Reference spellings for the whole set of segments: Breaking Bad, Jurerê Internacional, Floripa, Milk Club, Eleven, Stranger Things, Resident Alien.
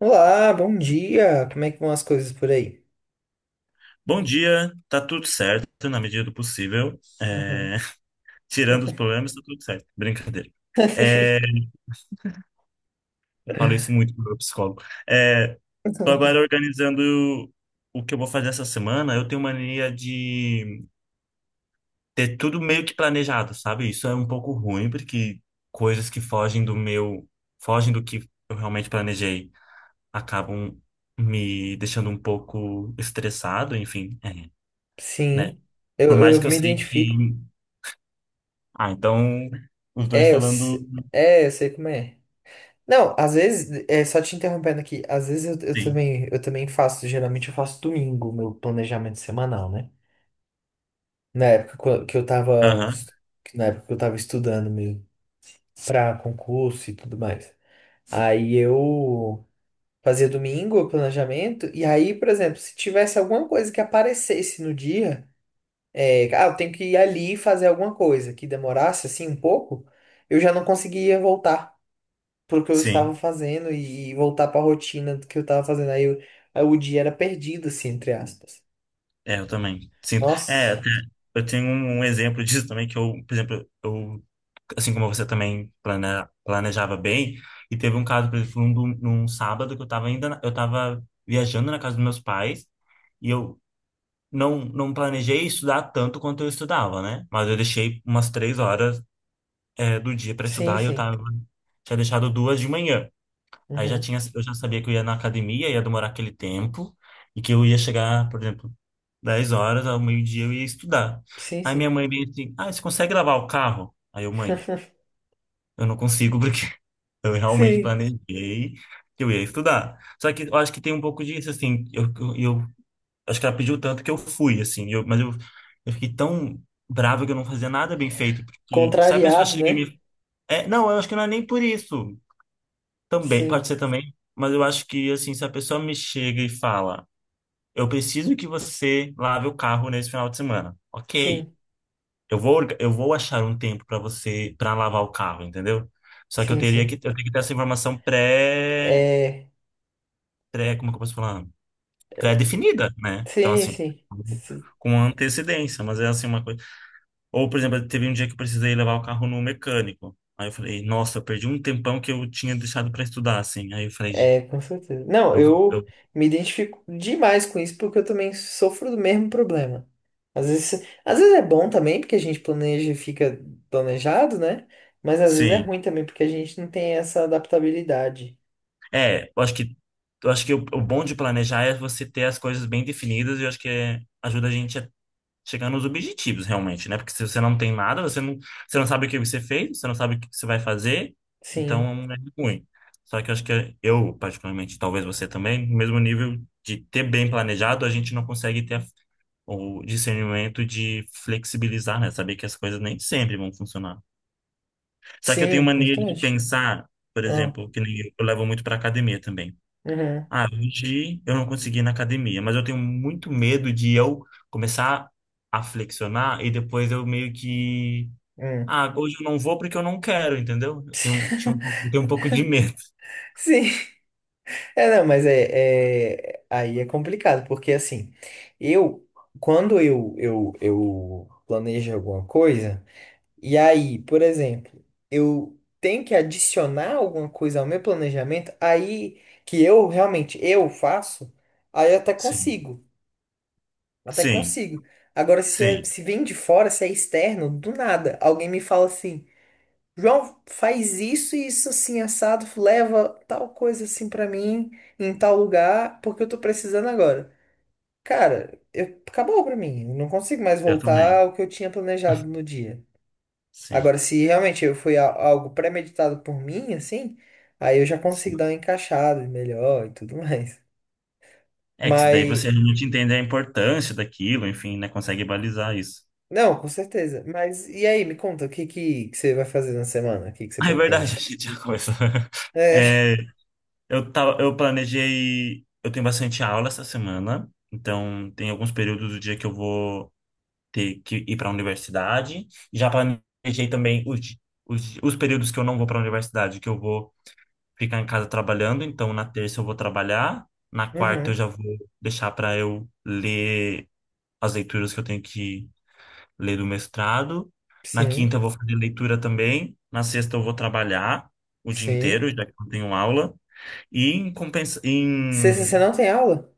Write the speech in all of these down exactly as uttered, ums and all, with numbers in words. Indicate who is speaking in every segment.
Speaker 1: Olá, bom dia! Como é que vão as coisas por aí?
Speaker 2: Bom dia, tá tudo certo na medida do possível.
Speaker 1: Uhum.
Speaker 2: É, tirando os problemas, tá tudo certo. Brincadeira. É, eu falo isso muito pro meu psicólogo. É... Tô agora organizando o que eu vou fazer essa semana. Eu tenho mania de ter tudo meio que planejado, sabe? Isso é um pouco ruim, porque coisas que fogem do meu, fogem do que eu realmente planejei, acabam me deixando um pouco estressado, enfim, é, né?
Speaker 1: Sim, eu,
Speaker 2: Por mais
Speaker 1: eu
Speaker 2: que eu
Speaker 1: me
Speaker 2: sei
Speaker 1: identifico.
Speaker 2: que Ah, então os dois
Speaker 1: É, eu,
Speaker 2: falando.
Speaker 1: se- é, eu sei como é. Não, às vezes, é, só te interrompendo aqui, às vezes eu, eu
Speaker 2: Sim.
Speaker 1: também, eu também faço, geralmente eu faço domingo, o meu planejamento semanal, né? Na época co- que eu tava,
Speaker 2: Aham.
Speaker 1: es- na época que eu tava estudando mesmo, pra concurso e tudo mais. Aí eu fazia domingo o planejamento, e aí, por exemplo, se tivesse alguma coisa que aparecesse no dia, é, ah, eu tenho que ir ali fazer alguma coisa que demorasse assim um pouco, eu já não conseguia voltar pro que eu estava
Speaker 2: Sim.
Speaker 1: fazendo e, e voltar para a rotina do que eu estava fazendo. Aí, eu- aí o dia era perdido, assim, entre aspas.
Speaker 2: É, eu também. Sinto. É,
Speaker 1: Nossa,
Speaker 2: até eu tenho um um exemplo disso também, que eu, por exemplo, eu, assim como você também plane- planejava bem, e teve um caso, por exemplo, num, num sábado que eu tava ainda, na- eu tava viajando na casa dos meus pais, e eu não, não planejei estudar tanto quanto eu estudava, né? Mas eu deixei umas três horas, é, do dia para
Speaker 1: sim,
Speaker 2: estudar e eu
Speaker 1: sim.
Speaker 2: tava, tinha deixado duas de manhã. Aí já
Speaker 1: Uhum.
Speaker 2: tinha, eu já sabia que eu ia na academia, ia demorar aquele tempo, e que eu ia chegar, por exemplo, dez horas, ao meio-dia eu ia estudar.
Speaker 1: Sim,
Speaker 2: Aí minha
Speaker 1: sim.
Speaker 2: mãe veio assim, ah, você consegue lavar o carro? Aí eu, mãe, eu não consigo porque eu realmente
Speaker 1: Sim.
Speaker 2: planejei que eu ia estudar. Só que eu acho que tem um pouco disso, assim, eu, eu, eu- acho que ela pediu tanto que eu fui, assim, eu, mas eu, eu fiquei tão bravo que eu não fazia nada bem feito, porque se a pessoa
Speaker 1: Contrariado,
Speaker 2: chega e
Speaker 1: né?
Speaker 2: me... É, não, eu acho que não é nem por isso. Também, pode
Speaker 1: Sim,
Speaker 2: ser também, mas eu acho que, assim, se a pessoa me chega e fala, eu preciso que você lave o carro nesse final de semana. Ok,
Speaker 1: sim,
Speaker 2: eu vou, orga- eu vou achar um tempo para você, para lavar o carro, entendeu? Só que eu
Speaker 1: sim,
Speaker 2: teria que, eu
Speaker 1: sim.
Speaker 2: tenho que ter essa informação pré,
Speaker 1: É,
Speaker 2: pré, como que eu posso falar? Pré-definida, né? Então,
Speaker 1: sim,
Speaker 2: assim,
Speaker 1: sim.
Speaker 2: com antecedência, mas é assim uma coisa. Ou, por exemplo, teve um dia que eu precisei levar o carro no mecânico. Aí eu falei, nossa, eu perdi um tempão que eu tinha deixado para estudar, assim. Aí eu falei,
Speaker 1: É, com certeza. Não,
Speaker 2: eu,
Speaker 1: eu
Speaker 2: eu,
Speaker 1: me identifico demais com isso porque eu também sofro do mesmo problema. Às vezes, às vezes é bom também porque a gente planeja e fica planejado, né? Mas às vezes é
Speaker 2: sim.
Speaker 1: ruim também porque a gente não tem essa adaptabilidade.
Speaker 2: É, eu acho que eu acho que o, o bom de planejar é você ter as coisas bem definidas e eu acho que é- ajuda a gente a chegar nos objetivos realmente, né? Porque se você não tem nada, você não, você não sabe o que você fez, você não sabe o que você vai fazer,
Speaker 1: Sim,
Speaker 2: então é ruim. Só que eu acho que eu, particularmente, talvez você também, no mesmo nível de ter bem planejado, a gente não consegue ter a- o discernimento de flexibilizar, né? Saber que as coisas nem sempre vão funcionar. Só que eu tenho
Speaker 1: sim,
Speaker 2: mania de
Speaker 1: exatamente.
Speaker 2: pensar, por
Speaker 1: Ah,
Speaker 2: exemplo, que nem eu, eu levo muito para academia também.
Speaker 1: uhum,
Speaker 2: Ah, hoje eu não consegui ir na academia, mas eu tenho muito medo de eu começar a flexionar e depois eu meio que.
Speaker 1: hum.
Speaker 2: Ah, hoje eu não vou porque eu não quero, entendeu? Eu tenho, tinha um, pouco- eu tenho um pouco de medo.
Speaker 1: Sim, é, não, mas é, é- aí é complicado porque assim, eu, quando eu, eu, eu planejo alguma coisa. E aí, por exemplo, eu tenho que adicionar alguma coisa ao meu planejamento, aí que eu realmente eu faço, aí eu até
Speaker 2: Sim.
Speaker 1: consigo, até
Speaker 2: Sim,
Speaker 1: consigo. Agora, se, é-
Speaker 2: sim,
Speaker 1: se vem de fora, se é externo, do nada, alguém me fala assim, João, faz isso e isso assim, assado, leva tal coisa assim pra mim, em tal lugar, porque eu tô precisando agora. Cara, eu, acabou pra mim, eu não consigo mais
Speaker 2: eu
Speaker 1: voltar
Speaker 2: também.
Speaker 1: ao que eu tinha planejado no dia.
Speaker 2: Sim,
Speaker 1: Agora, se realmente eu foi a- algo premeditado por mim, assim, aí eu já consigo dar
Speaker 2: sim.
Speaker 1: uma encaixada melhor e tudo mais.
Speaker 2: É que daí
Speaker 1: Mas,
Speaker 2: você realmente entende a importância daquilo, enfim, né? Consegue balizar isso.
Speaker 1: não, com certeza. Mas, e aí, me conta, o que que, que você vai fazer na semana? O que que você
Speaker 2: Ah, é verdade, a
Speaker 1: pretende?
Speaker 2: gente já começou.
Speaker 1: É,
Speaker 2: É, eu tava, eu planejei. Eu tenho bastante aula essa semana, então tem alguns períodos do dia que eu vou ter que ir para a universidade. Já planejei também os, di- os, di- os períodos que eu não vou para a universidade, que eu vou ficar em casa trabalhando. Então, na terça eu vou trabalhar, na quarta eu
Speaker 1: uhum,
Speaker 2: já vou deixar para eu ler as leituras que eu tenho que ler do mestrado. Na quinta
Speaker 1: sim,
Speaker 2: eu vou fazer leitura também. Na sexta eu vou trabalhar o dia
Speaker 1: sim.
Speaker 2: inteiro, já que eu não tenho aula. E em compensa...
Speaker 1: Sexta
Speaker 2: em
Speaker 1: você não tem aula?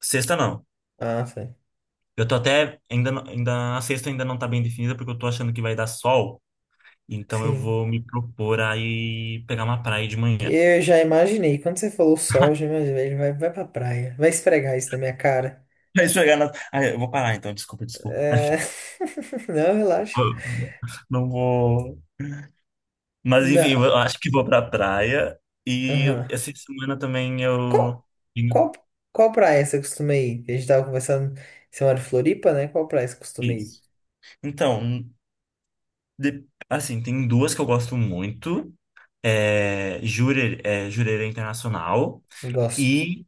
Speaker 2: sexta não.
Speaker 1: Ah, sim.
Speaker 2: Eu tô até ainda não- ainda a sexta ainda não tá bem definida porque eu tô achando que vai dar sol, então eu
Speaker 1: Sim.
Speaker 2: vou me propor aí pegar uma praia de
Speaker 1: Que
Speaker 2: manhã.
Speaker 1: eu já imaginei. Quando você falou sol, eu já imaginei. Ele vai, vai pra praia. Vai esfregar isso na minha cara.
Speaker 2: Vai pegar na... Ah, eu vou parar então, desculpa, desculpa.
Speaker 1: É... Não, relaxa.
Speaker 2: Eu não vou. Mas enfim, eu acho que vou pra praia e eu-
Speaker 1: Não.
Speaker 2: essa semana também eu
Speaker 1: Qual,
Speaker 2: tenho
Speaker 1: qual, qual praia você costuma ir? A gente tava conversando, você mora em Floripa, né? Qual praia você costuma ir?
Speaker 2: isso. Então, de- assim, tem duas que eu gosto muito. É, Jurer, é, Jureira Internacional.
Speaker 1: Gosto.
Speaker 2: E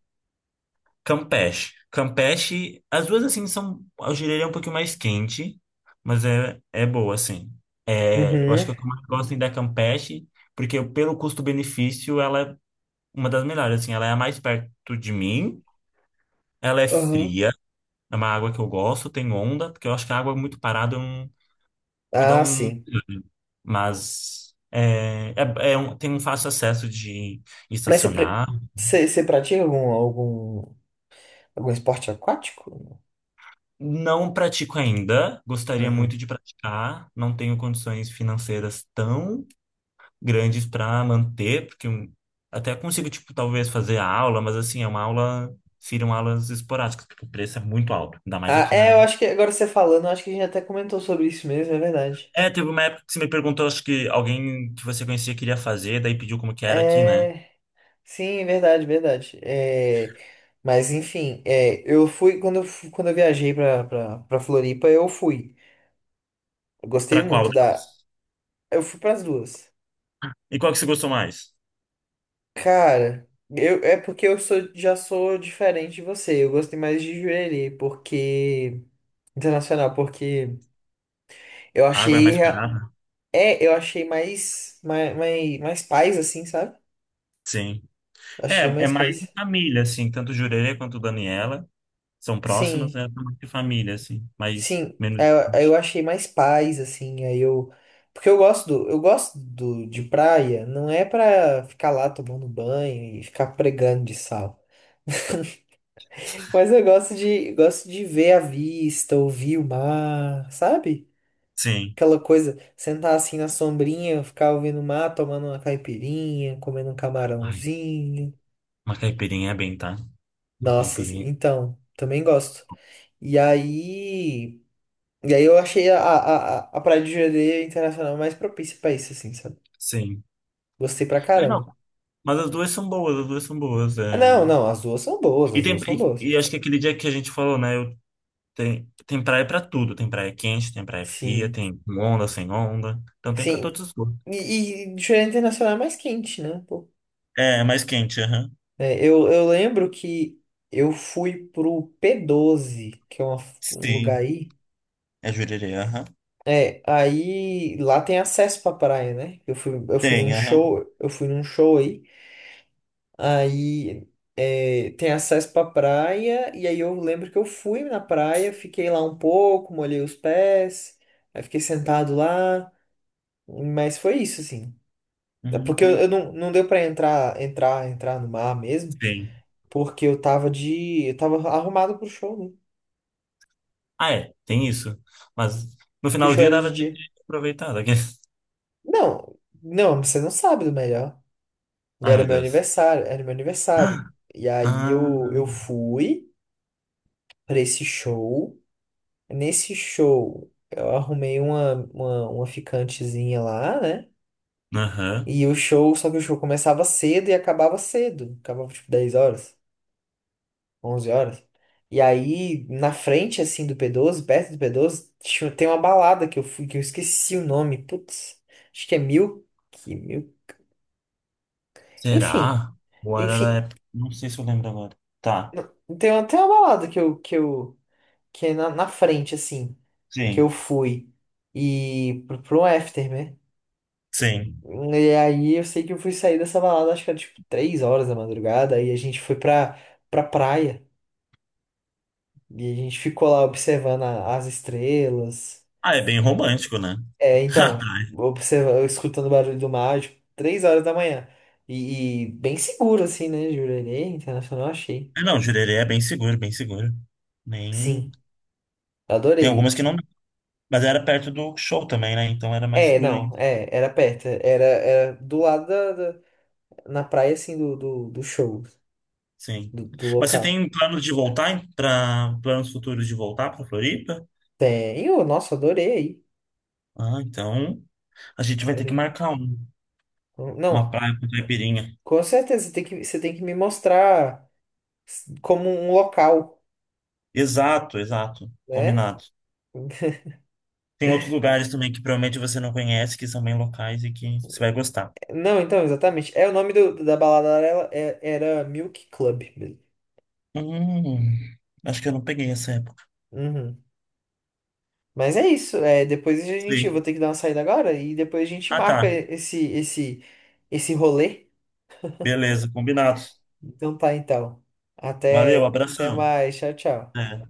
Speaker 2: Campeche. Campeche, as duas assim são, eu diria, um pouquinho mais quente, mas é, é boa, assim. É, eu acho
Speaker 1: Uhum.
Speaker 2: que o que eu mais gosto ainda é Campeche, porque pelo custo-benefício ela é uma das melhores, assim, ela é a mais perto de mim, ela é
Speaker 1: Uhum.
Speaker 2: fria, é uma água que eu gosto, tem onda, porque eu acho que a água muito parada eu não- me dá
Speaker 1: Ah,
Speaker 2: um...
Speaker 1: sim.
Speaker 2: Mas é, é, é um- tem um fácil acesso de
Speaker 1: Mas você, pre-
Speaker 2: estacionar.
Speaker 1: você, você pratica algum, algum, algum esporte aquático?
Speaker 2: Não pratico ainda, gostaria
Speaker 1: Uhum.
Speaker 2: muito de praticar, não tenho condições financeiras tão grandes para manter, porque um- até consigo, tipo, talvez fazer a aula, mas assim, é uma aula, seriam aulas esporádicas, porque o preço é muito alto, ainda mais
Speaker 1: Ah,
Speaker 2: aqui
Speaker 1: é, eu
Speaker 2: na.
Speaker 1: acho que agora você falando, eu acho que a gente até comentou sobre isso mesmo, é verdade.
Speaker 2: É, teve uma época que você me perguntou, acho que alguém que você conhecia queria fazer, daí pediu como que era aqui, né?
Speaker 1: É, sim, é verdade, é verdade. É, mas enfim, é, eu fui quando eu, fu- quando eu viajei pra, pra, pra Floripa, eu fui. Eu gostei
Speaker 2: Para qual
Speaker 1: muito da.
Speaker 2: delas?
Speaker 1: Eu fui pras duas.
Speaker 2: E qual que você gostou mais?
Speaker 1: Cara, eu, é porque eu sou, já sou diferente de você. Eu gostei mais de Jurerê, porque Internacional, porque eu
Speaker 2: A água é
Speaker 1: achei...
Speaker 2: mais
Speaker 1: rea-
Speaker 2: barata?
Speaker 1: É, eu achei mais, mais, mais, mais paz, assim, sabe?
Speaker 2: Sim.
Speaker 1: Achei
Speaker 2: É, é
Speaker 1: mais
Speaker 2: mais de
Speaker 1: paz.
Speaker 2: família, assim, tanto Jureira quanto Daniela. São próximas,
Speaker 1: Sim,
Speaker 2: é tamanho de família, assim, mas
Speaker 1: sim.
Speaker 2: menos de
Speaker 1: Eu, eu
Speaker 2: vinte.
Speaker 1: achei mais paz, assim. Aí eu. Porque eu gosto do, eu gosto do, de praia. Não é pra ficar lá tomando banho e ficar pregando de sal. Mas eu gosto de, gosto de ver a vista, ouvir o mar, sabe?
Speaker 2: Sim.
Speaker 1: Aquela coisa, sentar assim na sombrinha, ficar ouvindo o mar, tomando uma caipirinha, comendo um
Speaker 2: Ai,
Speaker 1: camarãozinho.
Speaker 2: uma caipirinha é bem, tá? Uma
Speaker 1: Nossa, assim,
Speaker 2: caipirinha.
Speaker 1: então, também gosto. E aí, e aí eu achei a, a, a a Praia de Jureira Internacional mais propícia pra isso, assim, sabe?
Speaker 2: Sim.
Speaker 1: Gostei pra
Speaker 2: É, não,
Speaker 1: caramba.
Speaker 2: mas as duas são boas, as duas são boas.
Speaker 1: Ah, não,
Speaker 2: É...
Speaker 1: não, as duas são boas,
Speaker 2: E,
Speaker 1: as
Speaker 2: tem,
Speaker 1: duas são boas.
Speaker 2: e, e acho que aquele dia que a gente falou, né? Eu, tem, tem praia pra tudo. Tem praia quente, tem praia fria,
Speaker 1: Sim,
Speaker 2: tem com onda, sem onda. Então tem pra
Speaker 1: sim.
Speaker 2: todos os gostos.
Speaker 1: E, e Jureira Internacional é mais quente, né?
Speaker 2: É, é mais quente, aham.
Speaker 1: É, eu, eu lembro que eu fui pro pê doze que é uma- um lugar
Speaker 2: Sim.
Speaker 1: aí.
Speaker 2: É jurerê, aham.
Speaker 1: É, aí lá tem acesso pra praia, né? Eu fui, eu fui num
Speaker 2: Tem, aham.
Speaker 1: show, eu fui num show aí. Aí é, tem acesso pra praia, e aí eu lembro que eu fui na praia, fiquei lá um pouco, molhei os pés, aí fiquei sentado lá, mas foi isso, assim. É. Porque eu,
Speaker 2: Uhum.
Speaker 1: eu não, não deu pra entrar, entrar, entrar no mar mesmo,
Speaker 2: Sim.
Speaker 1: porque eu tava de, eu tava arrumado pro show, né?
Speaker 2: Ah, é, tem isso. Mas no
Speaker 1: Que o show
Speaker 2: finalzinho
Speaker 1: era de
Speaker 2: dava de
Speaker 1: dia.
Speaker 2: aproveitar. Daquele.
Speaker 1: Não, não, você não sabe do melhor.
Speaker 2: Ai,
Speaker 1: Era
Speaker 2: meu
Speaker 1: meu
Speaker 2: Deus.
Speaker 1: aniversário, era meu aniversário. E aí
Speaker 2: Ah,
Speaker 1: eu, eu fui pra esse show. Nesse show, eu arrumei uma, uma, uma ficantezinha lá, né?
Speaker 2: aham.
Speaker 1: E o show, só que o show começava cedo e acabava cedo. Acabava tipo dez horas, onze horas. E aí, na frente, assim, do pê doze perto do pê doze tinha- tem uma balada que eu fui, que eu esqueci o nome. Putz, acho que é Mil. Que Mil. Enfim.
Speaker 2: Será? Ou era da
Speaker 1: Enfim,
Speaker 2: época? Não sei se eu lembro agora. Tá.
Speaker 1: tem até uma balada que eu, que eu, que é na, na frente, assim, que eu
Speaker 2: Sim.
Speaker 1: fui. E pro, pro after, né?
Speaker 2: Sim.
Speaker 1: E aí eu sei que eu fui sair dessa balada, acho que era tipo três horas da madrugada, aí a gente foi pra, pra praia. E a gente ficou lá observando a- as estrelas.
Speaker 2: Ah, é bem romântico, né?
Speaker 1: É, então, observa, escutando o barulho do mar, tipo, três horas da manhã. E, e bem seguro, assim, né, Jurerê Internacional, achei.
Speaker 2: Ah, não, Jurerê é bem seguro, bem seguro. Nem...
Speaker 1: Sim,
Speaker 2: Tem
Speaker 1: adorei,
Speaker 2: algumas que não...
Speaker 1: assim.
Speaker 2: Mas era perto do show também, né? Então era mais
Speaker 1: É,
Speaker 2: seguro
Speaker 1: não,
Speaker 2: ainda.
Speaker 1: é, era perto, era, era do lado da, da- na praia, assim, do, do, do show,
Speaker 2: Sim.
Speaker 1: do, do
Speaker 2: Mas você
Speaker 1: local.
Speaker 2: tem plano de voltar para planos futuros de voltar para Floripa?
Speaker 1: Tem, ô, nossa, adorei aí,
Speaker 2: Ah, então a gente vai ter que
Speaker 1: adorei.
Speaker 2: marcar um-
Speaker 1: Com-
Speaker 2: uma
Speaker 1: Não,
Speaker 2: praia com caipirinha.
Speaker 1: com certeza, você tem que, você tem que me mostrar como um local,
Speaker 2: Exato, exato.
Speaker 1: né?
Speaker 2: Combinado. Tem outros lugares também que provavelmente você não conhece, que são bem locais e que você vai gostar.
Speaker 1: Não, então, exatamente, é o nome do, da balada era, é- era Milk Club, mesmo.
Speaker 2: Hum, acho que eu não peguei essa época.
Speaker 1: Uhum. Mas é isso, é, depois a gente, eu vou
Speaker 2: Sim.
Speaker 1: ter que dar uma saída agora, e depois a gente
Speaker 2: Ah,
Speaker 1: marca
Speaker 2: tá.
Speaker 1: esse, esse, esse rolê.
Speaker 2: Beleza, combinado.
Speaker 1: Então tá, então.
Speaker 2: Valeu,
Speaker 1: Até, até
Speaker 2: abração.
Speaker 1: mais. Tchau, tchau.
Speaker 2: É.